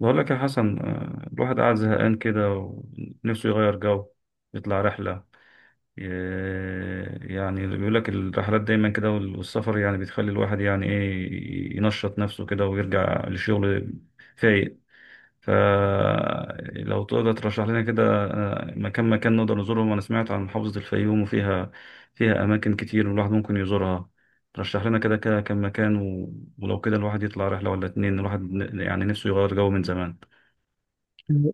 بقول لك يا حسن الواحد قاعد زهقان كده ونفسه يغير جو يطلع رحلة. يعني بيقول لك الرحلات دايما كده والسفر يعني بتخلي الواحد يعني ايه ينشط نفسه كده ويرجع للشغل فايق. فلو تقدر ترشح لنا كده مكان مكان نقدر نزورهم. انا سمعت عن محافظة الفيوم وفيها اماكن كتير الواحد ممكن يزورها. رشح لنا كده كده كم مكان ولو كده الواحد يطلع رحلة ولا اتنين، الواحد يعني نفسه يغير جو من زمان.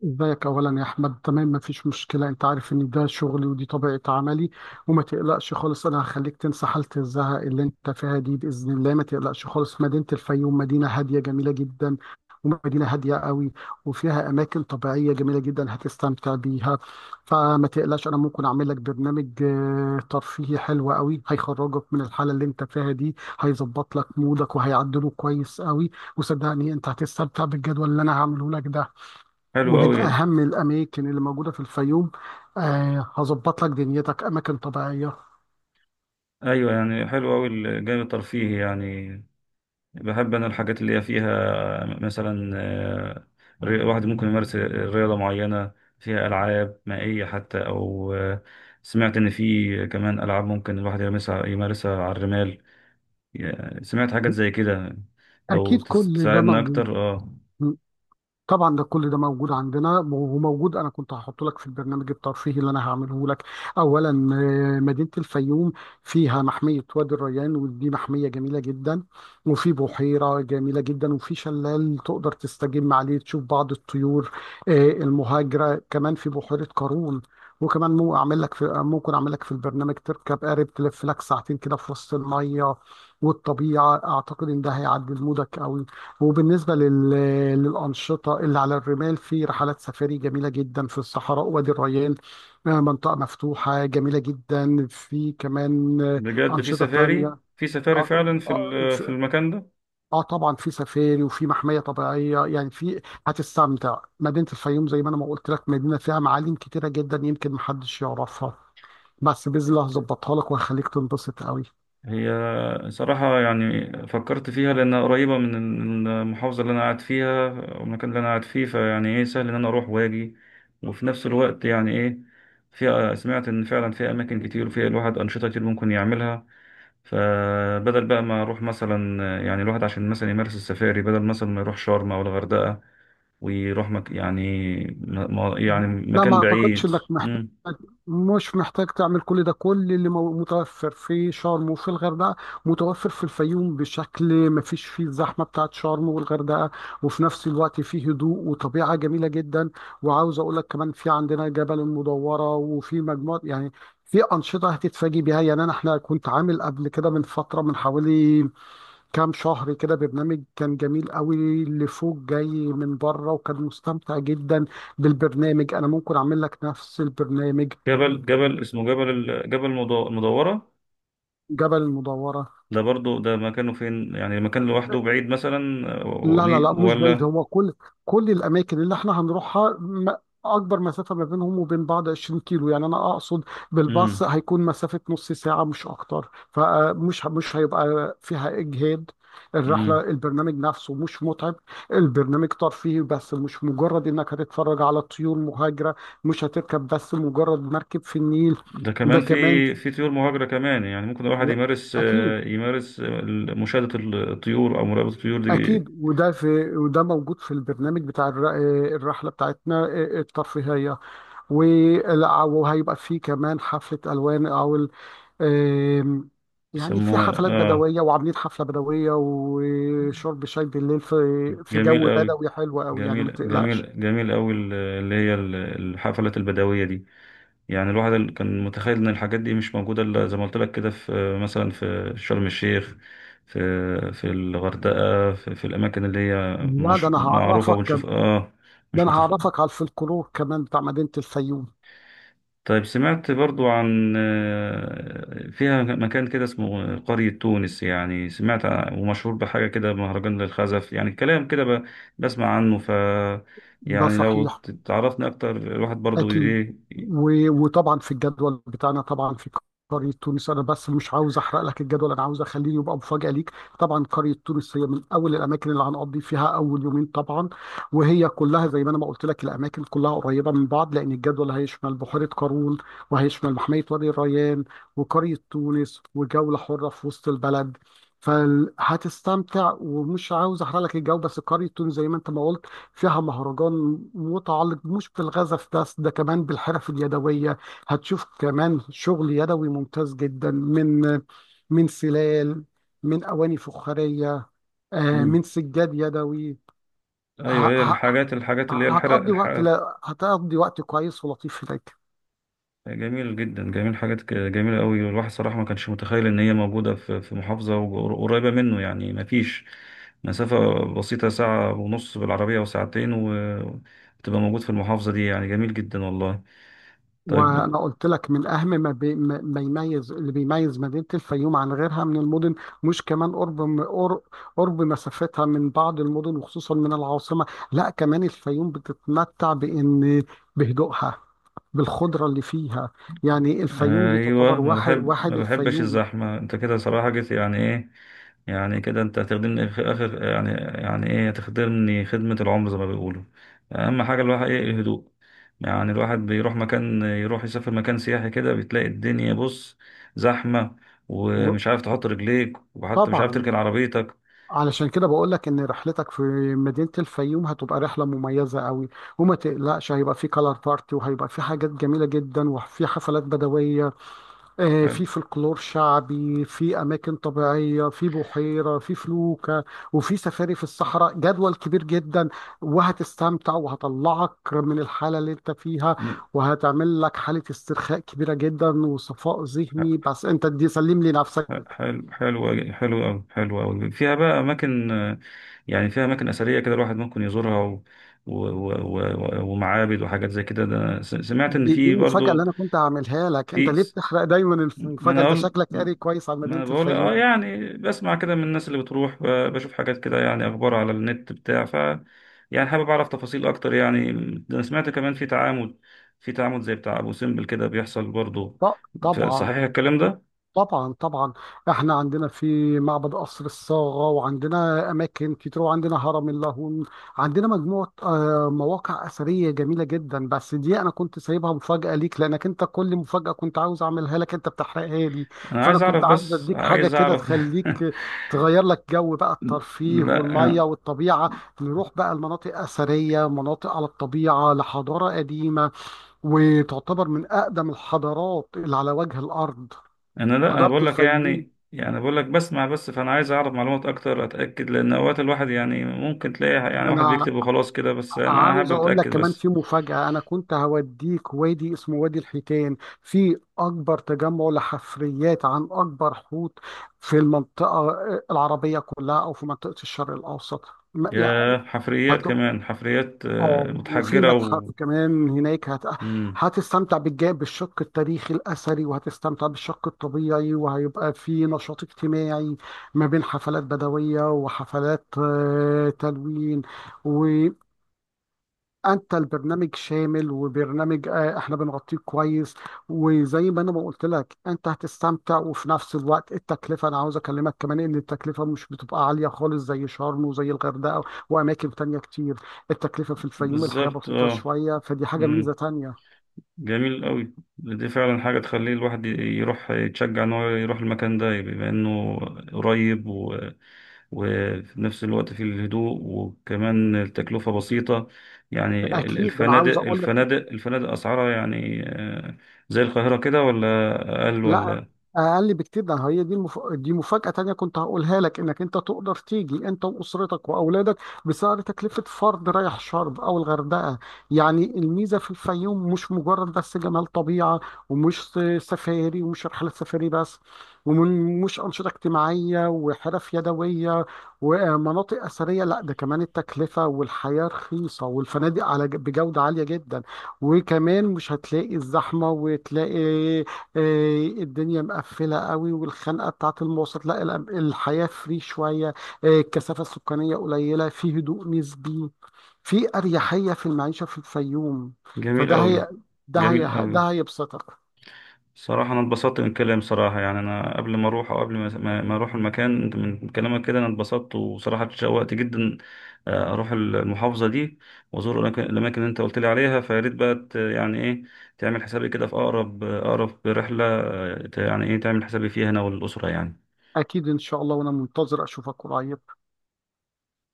ازيك؟ اولا يا احمد، تمام، مفيش مشكله، انت عارف ان ده شغلي ودي طبيعه عملي. وما تقلقش خالص، انا هخليك تنسى حاله الزهق اللي انت فيها دي باذن الله. ما تقلقش خالص، مدينه الفيوم مدينه هاديه جميله جدا، ومدينه هاديه قوي. وفيها اماكن طبيعيه جميله جدا، هتستمتع بيها. فما تقلقش، انا ممكن اعمل لك برنامج ترفيهي حلو قوي، هيخرجك من الحاله اللي انت فيها دي، هيظبط لك مودك وهيعدله كويس قوي. وصدقني انت هتستمتع بالجدول اللي انا هعمله لك ده. حلو ومن أوي. أهم الأماكن اللي موجودة في الفيوم، هظبط لك دنيتك أماكن طبيعية. أيوة، يعني حلو أوي الجانب الترفيهي يعني. بحب أنا الحاجات اللي هي فيها، مثلا واحد ممكن يمارس رياضة معينة. فيها ألعاب مائية حتى أو سمعت إن في كمان ألعاب ممكن الواحد يمارسها على الرمال. سمعت حاجات زي كده. لو أكيد كل ده تساعدنا موجود. أكتر أه. طبعا ده كل ده موجود عندنا وموجود، انا كنت هحطه لك في البرنامج الترفيهي اللي انا هعمله لك. اولا، مدينه الفيوم فيها محميه وادي الريان، ودي محميه جميله جدا. وفي بحيره جميله جدا، وفي شلال تقدر تستجم عليه، تشوف بعض الطيور المهاجره. كمان في بحيره قارون، وكمان مو اعمل لك في ممكن اعمل لك في البرنامج تركب قارب تلف لك ساعتين كده في وسط الميه والطبيعه. اعتقد ان ده هيعدل مودك قوي. وبالنسبة للأنشطة اللي على الرمال، في رحلات سفاري جميلة جدا في الصحراء وادي الريان. منطقة مفتوحة جميلة جدا. في كمان بجد في أنشطة سفاري تانية. في سفاري آه فعلا آه، في في- المكان ده. طبعا في سفاري، وفي محمية طبيعية، يعني في. هتستمتع. مدينة الفيوم، زي ما أنا ما قلت لك، مدينة فيها معالم كتيرة جدا يمكن محدش يعرفها، بس بإذن الله هظبطها لك وهخليك تنبسط قوي. هي، صراحة يعني فكرت فيها لأنها قريبة من المحافظة اللي أنا قاعد فيها، والمكان اللي أنا قاعد فيه فيعني إيه سهل إن أنا أروح وأجي، وفي نفس الوقت يعني إيه فيها، سمعت إن فعلا فيها أماكن كتير وفيها الواحد أنشطة كتير ممكن يعملها. فبدل بقى ما أروح مثلا، يعني الواحد عشان مثلا يمارس السفاري بدل مثلا ما يروح شرم أو الغردقة، ويروح يعني يعني لا، ما مكان اعتقدش بعيد. انك محتاج مم. مش محتاج تعمل كل ده. كل اللي متوفر في شرم وفي الغردقه متوفر في الفيوم، بشكل ما فيش فيه الزحمه بتاعت شرم والغردقه، وفي نفس الوقت فيه هدوء وطبيعه جميله جدا. وعاوز اقول لك كمان، في عندنا جبل المدوره، وفي مجموعه، يعني في انشطه هتتفاجئ بيها. يعني احنا كنت عامل قبل كده، من فتره، من حوالي كام شهر كده، برنامج كان جميل قوي، اللي فوق جاي من بره وكان مستمتع جدا بالبرنامج. انا ممكن اعمل لك نفس البرنامج. جبل اسمه المدورة. جبل المدورة. ده برضو ده مكانه فين؟ يعني المكان لوحده بعيد مثلا لا لا لا، مش بعيد، ولا. هو كل الاماكن اللي احنا هنروحها اكبر مسافه ما بينهم وبين بعض 20 كيلو. يعني انا اقصد بالباص، امم. هيكون مسافه نص ساعه مش اكتر، فمش مش هيبقى فيها اجهاد. الرحله امم. البرنامج نفسه مش متعب. البرنامج ترفيهي بس، مش مجرد انك هتتفرج على الطيور مهاجره، مش هتركب بس مجرد مركب في النيل. ده كمان ده في كمان. في طيور مهاجرة كمان، يعني ممكن الواحد لا، يمارس اكيد. آه، يمارس آه، مشاهدة الطيور أو مراقبة الطيور دي أكيد، وده موجود في البرنامج بتاع الرحلة بتاعتنا، الترفيهية. وهيبقى فيه كمان حفلة ألوان، أو ال- آم، يعني في بيسموها حفلات اه. بدوية، وعاملين حفلة بدوية وشرب شاي بالليل في جميل جو قوي. بدوي حلو قوي، يعني ما جميل تقلقش. جميل جميل قوي اللي هي الحفلات البدوية دي. يعني الواحد كان متخيل ان الحاجات دي مش موجوده الا زي ما قلت لك كده، في مثلا في شرم الشيخ، في في الغردقه، في الاماكن اللي هي لا، مش معروفه وبنشوف اه. ده مش أنا متخ. هعرفك على الفلكلور كمان بتاع مدينة الفيوم. طيب سمعت برضو عن فيها مكان كده اسمه قرية تونس، يعني سمعت ومشهور بحاجة كده، مهرجان للخزف، يعني كلام كده بسمع عنه ده يعني لو صحيح. تعرفني أكتر الواحد برضو أكيد. إيه. وطبعا في الجدول بتاعنا، طبعا في قرية تونس، أنا بس مش عاوز أحرق لك الجدول، أنا عاوز أخليه يبقى مفاجأة ليك. طبعا قرية تونس هي من أول الأماكن اللي هنقضي فيها أول يومين طبعا. وهي كلها، زي ما أنا ما قلت لك، الأماكن كلها قريبة من بعض، لأن الجدول هيشمل بحيرة قارون، وهيشمل محمية وادي الريان، وقرية تونس، وجولة حرة في وسط البلد. فهتستمتع، ومش عاوز احرق لك الجو. بس قرية تونس، زي ما انت ما قلت، فيها مهرجان متعلق مش بالغزف بس، ده كمان بالحرف اليدوية. هتشوف كمان شغل يدوي ممتاز جدا، من سلال، من أواني فخارية، مم. من سجاد يدوي. ه- ايوه، هي ه- الحاجات اللي هي الحرق. هتقضي وقت، لا، هتقضي وقت كويس ولطيف هناك. جميل جدا، جميل حاجات جميلة قوي، والواحد صراحة ما كانش متخيل ان هي موجودة في محافظة قريبة منه، يعني ما فيش مسافة، بسيطة ساعة ونص بالعربية وساعتين وتبقى موجود في المحافظة دي، يعني جميل جدا والله. طيب. وانا قلت لك، من اهم ما, بي ما ما يميز اللي بيميز مدينه الفيوم عن غيرها من المدن، مش كمان قرب قرب مسافتها من بعض المدن، وخصوصا من العاصمه. لا، كمان الفيوم بتتمتع بهدوءها، بالخضره اللي فيها. يعني الفيوم دي ايوه، تعتبر ما واحد بحب، ما واحد بحبش الفيوم. الزحمه، انت كده صراحه جيت يعني ايه، يعني كده انت هتخدمني في اخر، يعني يعني ايه هتخدمني خدمه العمر زي ما بيقولوا. اهم حاجه الواحد ايه الهدوء. يعني الواحد بيروح مكان، يروح يسافر مكان سياحي كده بتلاقي الدنيا، بص، زحمه، ومش عارف تحط رجليك، وحتى مش عارف وطبعا تركن عربيتك. علشان كده بقول لك ان رحلتك في مدينه الفيوم هتبقى رحله مميزه قوي. وما تقلقش، هيبقى في كلار بارتي، وهيبقى في حاجات جميله جدا، وفي حفلات بدويه، في حلو. فلكلور شعبي، في أماكن طبيعية، في بحيرة، في فلوكة، وفي سفاري في الصحراء. جدول كبير جدا، وهتستمتع، وهطلعك من الحالة اللي انت فيها، وهتعمل لك حالة استرخاء كبيرة جدا وصفاء ذهني، بس انت دي سلم لي حلو نفسك. حلو حلو أوي. حلو أوي، فيها بقى أماكن يعني فيها أماكن أثرية كده الواحد ممكن يزورها و... و... ومعابد وحاجات زي كده. ده سمعت إن دي في المفاجأة اللي برضو انا كنت هعملها لك، انت في ليه س- بتحرق دايما؟ ما المفاجأة، أنا انت أقول. شكلك قاري كويس عن ما أنا مدينة بقول الفيوم. يعني بسمع كده من الناس اللي بتروح، بشوف حاجات كده، يعني أخبار على النت بتاع يعني حابب أعرف تفاصيل أكتر يعني. ده أنا سمعت كمان في تعامد، في تعامد زي بتاع أبو سمبل كده بيحصل برضو. طبعا صحيح الكلام ده؟ طبعا طبعا، احنا عندنا في معبد قصر الصاغة، وعندنا اماكن كتير، وعندنا هرم اللاهون. عندنا مجموعة مواقع اثرية جميلة جدا، بس دي انا كنت سايبها مفاجأة ليك، لانك انت كل مفاجأة كنت عاوز اعملها لك انت بتحرقها لي. انا فانا عايز كنت اعرف، عاوز بس اديك حاجة عايز كده اعرف تخليك تغير لك جو بقى، الترفيه لا، والمية انا. والطبيعة، نروح بقى المناطق اثرية مناطق على الطبيعة لحضارة قديمة، وتعتبر من اقدم الحضارات اللي على وجه الارض. أنا، لا، انا حضرت بقول لك، الفيوم؟ يعني بقول لك بسمع بس، فانا عايز اعرف معلومات اكتر اتاكد، لان اوقات الواحد يعني ممكن تلاقي يعني ده واحد انا بيكتب وخلاص كده بس، انا عاوز حابب اقول لك اتاكد كمان بس. في مفاجأة، انا كنت هوديك وادي اسمه وادي الحيتان، في اكبر تجمع لحفريات عن اكبر حوت في المنطقة العربية كلها، او في منطقة الشرق الاوسط. ما- يعني، يا حفريات، كمان حفريات اه وفي متحجره متحف و. كمان هناك، مم. هتستمتع بالشق التاريخي الأثري، وهتستمتع بالشق الطبيعي، وهيبقى في نشاط اجتماعي ما بين حفلات بدوية وحفلات تلوين. انت البرنامج شامل، وبرنامج احنا بنغطيه كويس. وزي ما انا ما قلت لك، انت هتستمتع، وفي نفس الوقت التكلفه، انا عاوز اكلمك كمان ان التكلفه مش بتبقى عاليه خالص زي شرم وزي الغردقه واماكن تانية كتير. التكلفه في الفيوم، الحياه بالظبط بسيطه اه. شويه، فدي حاجه مم. ميزه تانية. جميل قوي، دي فعلا حاجه تخليه الواحد يروح، يتشجع ان هو يروح المكان ده، بما انه قريب، وفي نفس الوقت في الهدوء وكمان التكلفة بسيطة. يعني اكيد، ده انا الفنادق عاوز اقول. الفنادق الفنادق أسعارها يعني زي القاهرة كده ولا أقل، لا، ولا؟ اقل بكتير، ده هي دي مفاجاه تانية كنت هقولها لك، انك انت تقدر تيجي انت واسرتك واولادك بسعر تكلفه فرد رايح شرم او الغردقه. يعني الميزه في الفيوم مش مجرد بس جمال طبيعه، ومش سفاري، ومش رحلات سفاري بس، ومش انشطه اجتماعيه وحرف يدويه ومناطق اثريه، لا، ده كمان التكلفه والحياه رخيصه، والفنادق بجوده عاليه جدا. وكمان مش هتلاقي الزحمه، وتلاقي الدنيا مقفلة قوي والخنقة بتاعت المواصلات، لا الحياة فري شوية. الكثافة السكانية قليلة، في هدوء نسبي، في أريحية في المعيشة في الفيوم. جميل فده أوي. هي، جميل ده أوي، هيبسطك. صراحة أنا اتبسطت من الكلام، صراحة يعني أنا قبل ما أروح، أو قبل ما أروح المكان، أنت من كلامك كده أنا اتبسطت وصراحة اتشوقت جدا أروح المحافظة دي وأزور الأماكن اللي أنت قلت لي عليها. فيا ريت بقى يعني إيه تعمل حسابي كده في أقرب، رحلة، يعني إيه تعمل حسابي فيها أنا والأسرة يعني. أكيد إن شاء الله، وأنا منتظر أشوفك قريب.